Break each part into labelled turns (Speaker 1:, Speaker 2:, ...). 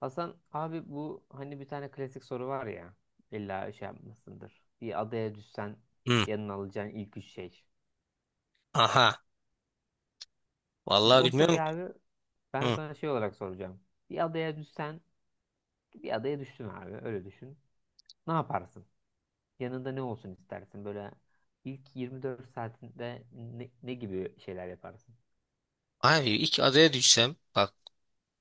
Speaker 1: Hasan abi, bu hani bir tane klasik soru var ya, illa şey yapmasındır. Bir adaya düşsen
Speaker 2: Hı.
Speaker 1: yanına alacağın ilk üç şey.
Speaker 2: Aha.
Speaker 1: Şimdi
Speaker 2: Vallahi
Speaker 1: o
Speaker 2: bilmiyorum
Speaker 1: soruyu
Speaker 2: ki.
Speaker 1: abi ben
Speaker 2: Hı.
Speaker 1: sana şey olarak soracağım. Bir adaya düşsen Bir adaya düştün abi, öyle düşün. Ne yaparsın? Yanında ne olsun istersin? Böyle ilk 24 saatinde ne gibi şeyler yaparsın?
Speaker 2: Abi ilk adaya düşsem bak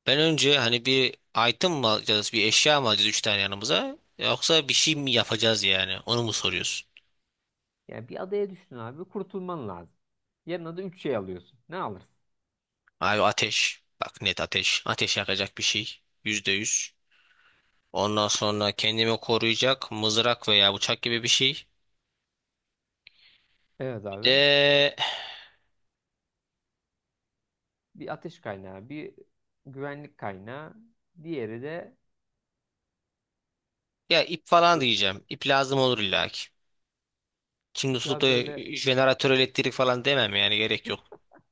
Speaker 2: ben önce hani bir item mı alacağız bir eşya mı alacağız üç tane yanımıza yoksa bir şey mi yapacağız yani onu mu soruyorsun?
Speaker 1: Yani bir adaya düştün abi, kurtulman lazım. Yanına da üç şey alıyorsun. Ne alırsın?
Speaker 2: Abi ateş bak net ateş yakacak bir şey %100, ondan sonra kendimi koruyacak mızrak veya bıçak gibi bir şey,
Speaker 1: Evet
Speaker 2: bir
Speaker 1: abi.
Speaker 2: de
Speaker 1: Bir ateş kaynağı, bir güvenlik kaynağı, diğeri de
Speaker 2: ya ip falan
Speaker 1: bö-
Speaker 2: diyeceğim, ip lazım olur illaki. Şimdi
Speaker 1: hiç
Speaker 2: tutup da
Speaker 1: abi böyle
Speaker 2: jeneratör elektrik falan demem, yani gerek yok.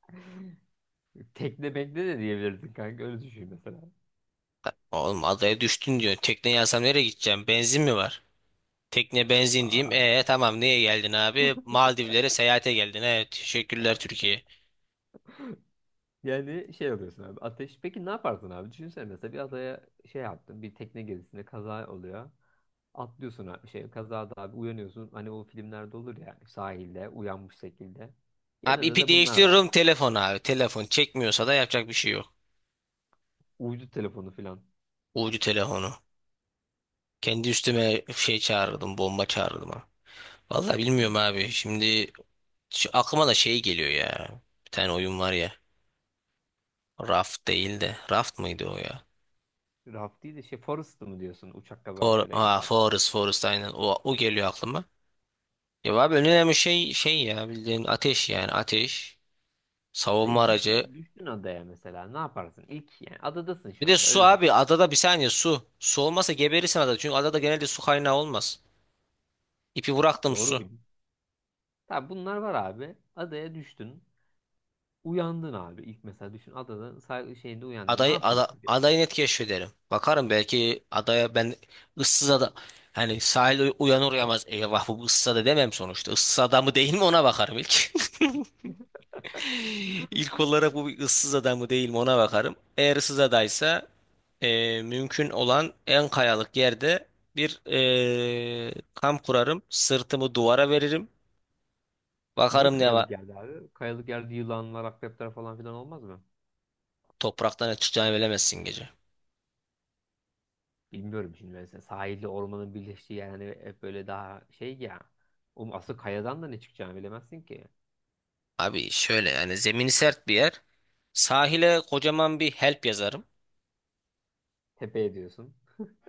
Speaker 1: tekne bekle de diyebilirsin kanka, öyle düşün mesela.
Speaker 2: Oğlum adaya düştün diyor. Tekne yazsam nereye gideceğim? Benzin mi var? Tekne benzin diyeyim.
Speaker 1: Aa,
Speaker 2: E tamam niye geldin abi? Maldivlere seyahate geldin. Evet teşekkürler Türkiye.
Speaker 1: yani şey alıyorsun abi, ateş. Peki ne yaparsın abi? Düşünsene, mesela bir adaya şey yaptın, bir tekne gezisinde kaza oluyor. Atlıyorsun abi, şey kazada abi uyanıyorsun. Hani o filmlerde olur ya, sahilde uyanmış şekilde.
Speaker 2: Abi
Speaker 1: Yanında
Speaker 2: ipi
Speaker 1: da bunlar var.
Speaker 2: değiştiriyorum telefon abi. Telefon çekmiyorsa da yapacak bir şey yok.
Speaker 1: Uydu telefonu filan.
Speaker 2: Ucu telefonu. Kendi üstüme şey çağırdım. Bomba çağırdım ha. Vallahi bilmiyorum abi. Şimdi şu aklıma da şey geliyor ya. Bir tane oyun var ya. Raft değil de. Raft mıydı o ya?
Speaker 1: Raft değil de şey, Forrest mı diyorsun, uçak kazasıyla.
Speaker 2: Forest, Forest aynen. O geliyor aklıma. Ya abi en önemli şey ya, bildiğin ateş, yani ateş, savunma
Speaker 1: Hayır,
Speaker 2: aracı.
Speaker 1: düştün adaya, mesela ne yaparsın? İlk yani adadasın
Speaker 2: Bir
Speaker 1: şu
Speaker 2: de
Speaker 1: anda,
Speaker 2: su
Speaker 1: öyle
Speaker 2: abi,
Speaker 1: düşün.
Speaker 2: adada bir saniye, su. Su olmasa geberirsin adada, çünkü adada genelde su kaynağı olmaz. İpi bıraktım,
Speaker 1: Doğru
Speaker 2: su.
Speaker 1: bildim. Tabii bunlar var abi. Adaya düştün. Uyandın abi. İlk mesela düşün, adada şeyinde uyandın. Ne
Speaker 2: Adayı ada,
Speaker 1: yapıyorsun? Diye.
Speaker 2: adayı net keşfederim. Bakarım belki adaya ben, ıssız ada hani sahil uyanır uyanmaz eyvah bu ıssız ada demem sonuçta. Issız ada mı değil mi ona bakarım ilk. İlk olarak bu bir ıssız ada mı değil mi ona bakarım. Eğer ıssız adaysa mümkün olan en kayalık yerde bir kamp kurarım. Sırtımı duvara veririm.
Speaker 1: Niye
Speaker 2: Bakarım ne var.
Speaker 1: kayalık yerde abi? Kayalık yerde yılanlar, akrepler falan filan olmaz mı?
Speaker 2: Topraktan ne çıkacağını bilemezsin gece.
Speaker 1: Bilmiyorum şimdi, mesela sahilde ormanın birleştiği yer hani hep böyle daha şey ya. Oğlum, asıl kayadan da ne çıkacağını bilemezsin ki.
Speaker 2: Abi şöyle, yani zemini sert bir yer. Sahile kocaman bir help yazarım.
Speaker 1: Tepe ediyorsun.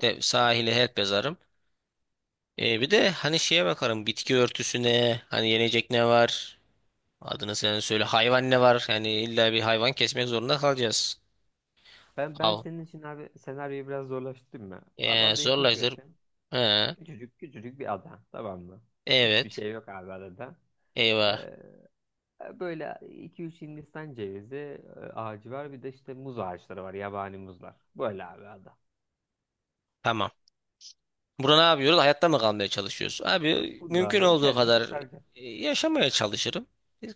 Speaker 2: De, sahile help yazarım. E, bir de hani şeye bakarım, bitki örtüsüne, hani yenecek ne var. Adını sen söyle, hayvan ne var. Yani illa bir hayvan kesmek zorunda kalacağız.
Speaker 1: Ben
Speaker 2: Al.
Speaker 1: senin için abi senaryoyu biraz zorlaştırdım mı? Abi adayı
Speaker 2: Zorlaştır.
Speaker 1: keşfettin.
Speaker 2: He,
Speaker 1: Küçücük küçücük bir ada, tamam mı? Hiçbir
Speaker 2: evet.
Speaker 1: şey yok abi adada.
Speaker 2: Eyvah.
Speaker 1: Ee, Böyle iki üç Hindistan cevizi ağacı var, bir de işte muz ağaçları var, yabani muzlar. Böyle abi ada.
Speaker 2: Tamam. Burada ne yapıyoruz? Hayatta mı kalmaya çalışıyoruz? Abi
Speaker 1: Bu da
Speaker 2: mümkün
Speaker 1: abi
Speaker 2: olduğu
Speaker 1: kendini
Speaker 2: kadar
Speaker 1: kurtaracak.
Speaker 2: yaşamaya çalışırım.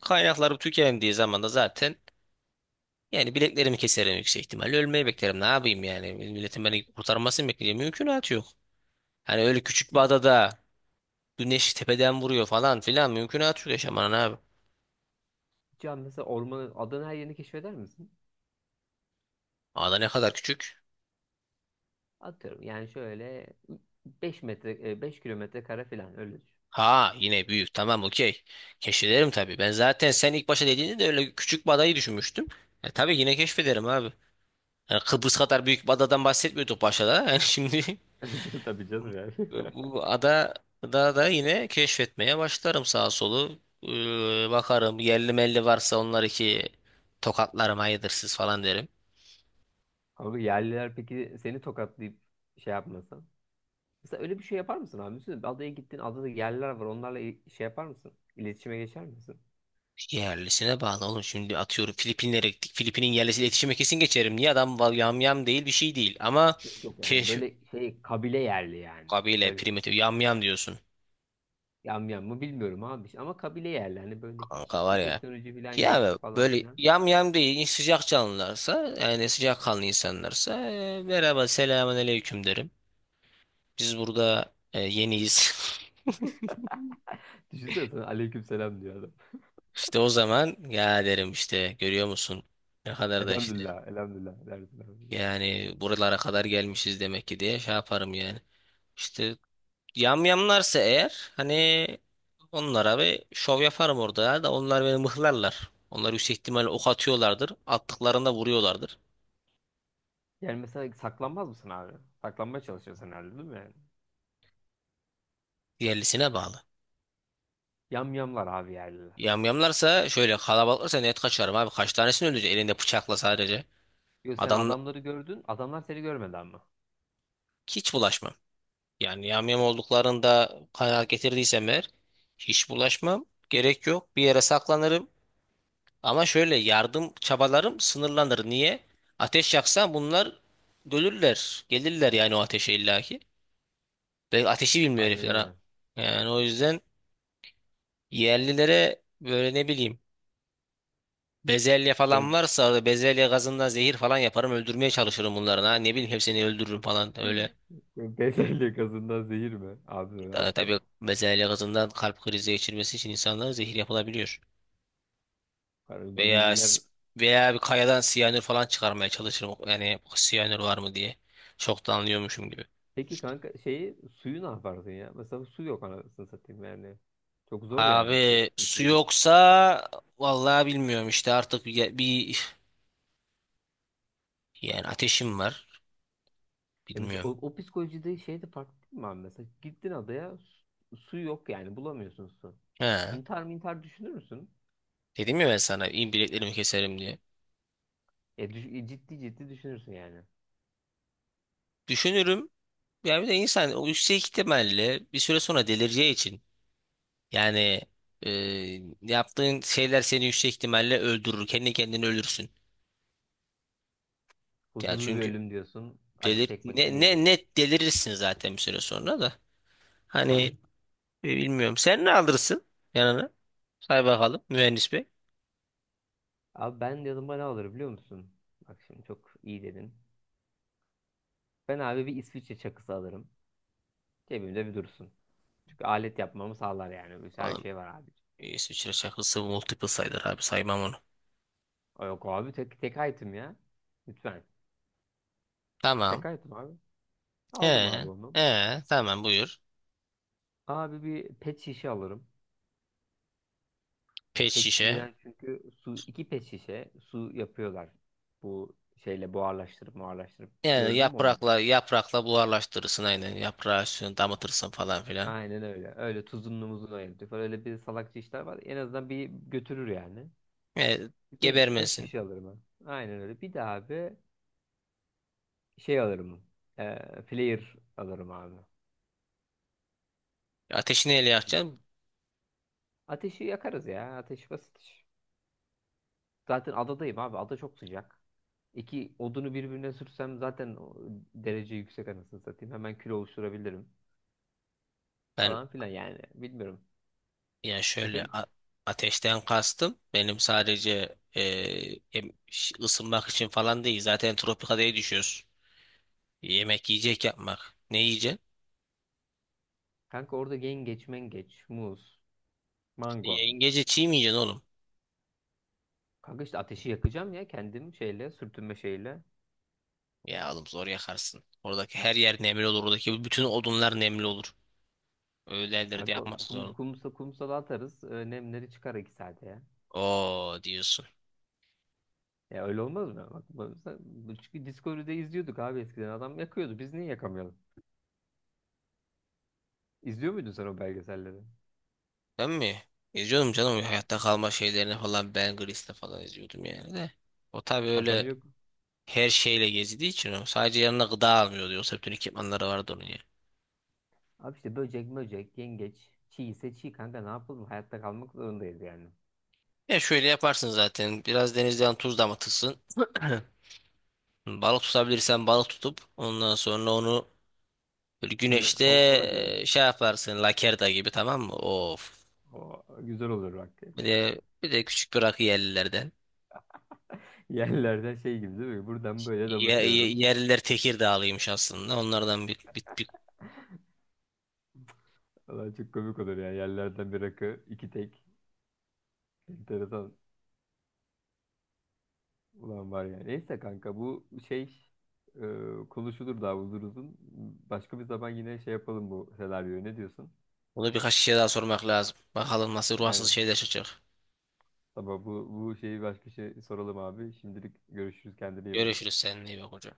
Speaker 2: Kaynaklarım tükendiği zaman da zaten yani bileklerimi keserim yüksek ihtimalle. Ölmeyi beklerim. Ne yapayım yani? Milletin beni kurtarmasını bekleyeceğim. Mümkünatı yok. Hani öyle küçük bir
Speaker 1: Hiç,
Speaker 2: adada güneş tepeden vuruyor falan filan. Mümkünatı yok yaşamanın abi.
Speaker 1: hiç an mesela ormanın adanın her yerini keşfeder misin?
Speaker 2: Ada ne kadar küçük.
Speaker 1: Atıyorum yani şöyle 5 metre 5 kilometre kare falan, öyle düşün.
Speaker 2: Ha yine büyük, tamam, okey. Keşfederim tabii. Ben zaten sen ilk başta dediğinde de öyle küçük badayı düşünmüştüm. E, tabii yine keşfederim abi. Yani Kıbrıs kadar büyük bir adadan bahsetmiyorduk başta da. Yani şimdi
Speaker 1: Tabii canım yani.
Speaker 2: bu ada da yine keşfetmeye başlarım sağa solu. Bakarım yerli melli varsa onlar iki tokatlarım hayırdır siz falan derim.
Speaker 1: Ama yerliler peki seni tokatlayıp şey yapmasa? Mesela öyle bir şey yapar mısın abi? Düşünsene, adaya gittin, adada yerler var. Onlarla şey yapar mısın? İletişime geçer misin?
Speaker 2: Yerlisine bağlı oğlum, şimdi atıyorum Filipinlere gittik. Filipin'in yerlisiyle iletişime kesin geçerim. Niye, adam yamyam değil, bir şey değil. Ama
Speaker 1: Yok yok, yani
Speaker 2: keşf
Speaker 1: böyle şey kabile yerli yani.
Speaker 2: Kabile
Speaker 1: Öyle.
Speaker 2: primitif yam yam diyorsun.
Speaker 1: Yam yam mı bilmiyorum abi. İşte Ama kabile yerli. Hani böyle hiç
Speaker 2: Kanka var ya.
Speaker 1: teknoloji falan yok
Speaker 2: Ya
Speaker 1: falan
Speaker 2: böyle
Speaker 1: filan.
Speaker 2: yam yam değil, sıcak canlılarsa, yani sıcak kanlı insanlarsa merhaba selamun aleyküm derim. Biz burada yeniyiz.
Speaker 1: Düşünsene, sana aleyküm selam diyor adam.
Speaker 2: İşte o zaman ya derim, işte görüyor musun ne kadar da işte,
Speaker 1: Elhamdülillah, elhamdülillah dersin abi.
Speaker 2: yani buralara kadar gelmişiz demek ki diye şey yaparım yani. İşte yamyamlarsa eğer, hani onlara bir şov yaparım orada, ya da onlar beni mıhlarlar. Onlar yüksek ihtimalle ok atıyorlardır. Attıklarında vuruyorlardır.
Speaker 1: Yani mesela saklanmaz mısın abi? Saklanmaya çalışıyorsun herhalde, değil mi yani?
Speaker 2: Diğerlisine bağlı.
Speaker 1: Yam yamlar abi, yerliler.
Speaker 2: Yamyamlarsa, şöyle kalabalıklarsa net kaçarım abi. Kaç tanesini öldürecek elinde bıçakla sadece.
Speaker 1: Yok, sen
Speaker 2: Adam,
Speaker 1: adamları gördün, adamlar seni görmedi ama.
Speaker 2: hiç bulaşmam. Yani yamyam olduklarında kanaat getirdiysem eğer hiç bulaşmam. Gerek yok. Bir yere saklanırım. Ama şöyle yardım çabalarım sınırlanır. Niye? Ateş yaksan bunlar dölürler. Gelirler yani o ateşe illaki. Ve ateşi bilmiyor herifler ha.
Speaker 1: Aynen
Speaker 2: Yani o yüzden yerlilere böyle ne bileyim, bezelye falan
Speaker 1: öyle.
Speaker 2: varsa orada bezelye gazından zehir falan yaparım, öldürmeye çalışırım bunların ha. Ne bileyim hepsini öldürürüm falan
Speaker 1: Hı.
Speaker 2: öyle.
Speaker 1: Bezelye gazından zehir mi? Abi ne yaptın?
Speaker 2: Tabii bezelye gazından kalp krizi geçirmesi için insanlara zehir yapılabiliyor.
Speaker 1: Yani bu
Speaker 2: Veya
Speaker 1: bilgiler...
Speaker 2: s- veya bir kayadan siyanür falan çıkarmaya çalışırım. Yani siyanür var mı diye. Çok da anlıyormuşum gibi.
Speaker 1: Peki kanka, şeyi suyu ne yaparsın ya? Mesela su yok, anasını satayım yani. Çok zor yani su.
Speaker 2: Abi su
Speaker 1: Susuzluk.
Speaker 2: yoksa vallahi bilmiyorum işte artık yani ateşim var,
Speaker 1: Ya mesela o,
Speaker 2: bilmiyorum.
Speaker 1: o psikolojide şey de farklı değil mi abi? Mesela gittin adaya, su, su yok yani, bulamıyorsun su.
Speaker 2: He.
Speaker 1: İntihar mı intihar düşünür müsün?
Speaker 2: Dedim ya ben sana, iyi, bileklerimi keserim diye.
Speaker 1: Ciddi ciddi düşünürsün yani.
Speaker 2: Düşünürüm. Yani bir de insan o yüksek ihtimalle bir süre sonra delireceği için yani, e, yaptığın şeyler seni yüksek ihtimalle öldürür. Kendi kendini ölürsün. Yani
Speaker 1: Huzurlu bir
Speaker 2: çünkü
Speaker 1: ölüm diyorsun. Acı
Speaker 2: delir
Speaker 1: çekmekten
Speaker 2: ne, ne
Speaker 1: iyidir.
Speaker 2: net delirirsin zaten bir süre sonra da. Hani bilmiyorum. Sen ne alırsın yanına? Say bakalım mühendis bey.
Speaker 1: Abi ben yanıma ne alırım biliyor musun? Bak şimdi çok iyi dedin. Ben abi bir İsviçre çakısı alırım. Cebimde bir dursun. Çünkü alet yapmamı sağlar yani. Her şey var abi.
Speaker 2: İsviçre şakası multiple sayılır abi, saymam onu.
Speaker 1: Yok abi, tek, tek item ya. Lütfen. Tek
Speaker 2: Tamam.
Speaker 1: item abi.
Speaker 2: He.
Speaker 1: Aldım abi onu.
Speaker 2: He. Tamam buyur.
Speaker 1: Abi bir pet şişe alırım.
Speaker 2: Pet
Speaker 1: Pet
Speaker 2: şişe.
Speaker 1: şişeden çünkü su, iki pet şişe su yapıyorlar. Bu şeyle buharlaştırıp buharlaştırıp.
Speaker 2: Yani
Speaker 1: Gördün mü onu hiç?
Speaker 2: yaprakla buharlaştırırsın aynen. Yaprağı üstüne damıtırsın falan filan.
Speaker 1: Aynen öyle. Öyle tuzunlu muzunlu ayırtıyor falan. Öyle bir salakça işler var. En azından bir götürür yani.
Speaker 2: E,
Speaker 1: Bir pet
Speaker 2: gebermesin.
Speaker 1: şişe alırım ben. Aynen öyle. Bir de abi şey alırım. Ee, Player alırım abi.
Speaker 2: Ateşi neyle
Speaker 1: Ne bileyim.
Speaker 2: yakacaksın?
Speaker 1: Ateşi yakarız ya. Ateş basit iş. Zaten adadayım abi. Ada çok sıcak. İki odunu birbirine sürsem zaten o derece yüksek, anasını satayım. Hemen kilo oluşturabilirim.
Speaker 2: Ben,
Speaker 1: Falan filan yani. Bilmiyorum.
Speaker 2: yani şöyle,
Speaker 1: Efekt.
Speaker 2: ateşten kastım. Benim sadece ısınmak için falan değil. Zaten tropikadaya düşüyoruz. Yemek yiyecek yapmak. Ne yiyeceksin?
Speaker 1: Kanka orada yengeç, mengeç, muz,
Speaker 2: İşte
Speaker 1: mango.
Speaker 2: yengece çiğ mi yiyeceksin oğlum?
Speaker 1: Kanka işte ateşi yakacağım ya, kendim şeyle, sürtünme şeyle.
Speaker 2: Ya oğlum zor yakarsın. Oradaki her yer nemli olur. Oradaki bütün odunlar nemli olur. Öyledir de
Speaker 1: Kanka
Speaker 2: yapması
Speaker 1: kum,
Speaker 2: zor.
Speaker 1: kumsa kumsala atarız. Nemleri çıkar 2 saate ya.
Speaker 2: Oo diyorsun.
Speaker 1: Ya öyle olmaz mı? Bak, çünkü Discovery'de izliyorduk abi eskiden. Adam yakıyordu. Biz niye yakamıyoruz? İzliyor muydun sen o belgeselleri?
Speaker 2: Ben mi? İzliyordum canım,
Speaker 1: Evet.
Speaker 2: hayatta kalma şeylerini falan, Ben Gris'te falan izliyordum yani de. O tabii
Speaker 1: Adam
Speaker 2: öyle
Speaker 1: yok.
Speaker 2: her şeyle gezdiği için, o sadece yanına gıda almıyordu. Yoksa bütün ekipmanları vardı onun ya.
Speaker 1: Abi işte böcek böcek, yengeç, çiğ ise çiğ, kanka ne yapalım? Hayatta kalmak zorundayız yani.
Speaker 2: Ya şöyle yaparsın zaten. Biraz denizden tuz damıtırsın. Balık tutabilirsen balık tutup ondan sonra onu böyle
Speaker 1: Öyle
Speaker 2: güneşte
Speaker 1: salamura gibi.
Speaker 2: şey yaparsın, lakerda gibi, tamam mı? Of.
Speaker 1: O güzel olur bak.
Speaker 2: Bir de bir de küçük bir rakı yerlilerden.
Speaker 1: Yerlerden şey gibi değil mi? Buradan böyle damıtıyorum.
Speaker 2: Yerliler Tekirdağlıymış aslında. Onlardan
Speaker 1: Ulan çok komik olur yani. Yerlerden bir rakı, iki tek. Enteresan ulan var yani. Neyse kanka, bu şey konuşulur daha uzun uzun. Başka bir zaman yine şey yapalım bu senaryoyu. Ne diyorsun?
Speaker 2: bunu birkaç şey daha sormak lazım. Bakalım nasıl ruhsuz
Speaker 1: Aynen.
Speaker 2: şeyler çıkacak.
Speaker 1: Tamam, bu şeyi başka şey soralım abi. Şimdilik görüşürüz. Kendine iyi bak.
Speaker 2: Görüşürüz seninle, iyi bak hocam.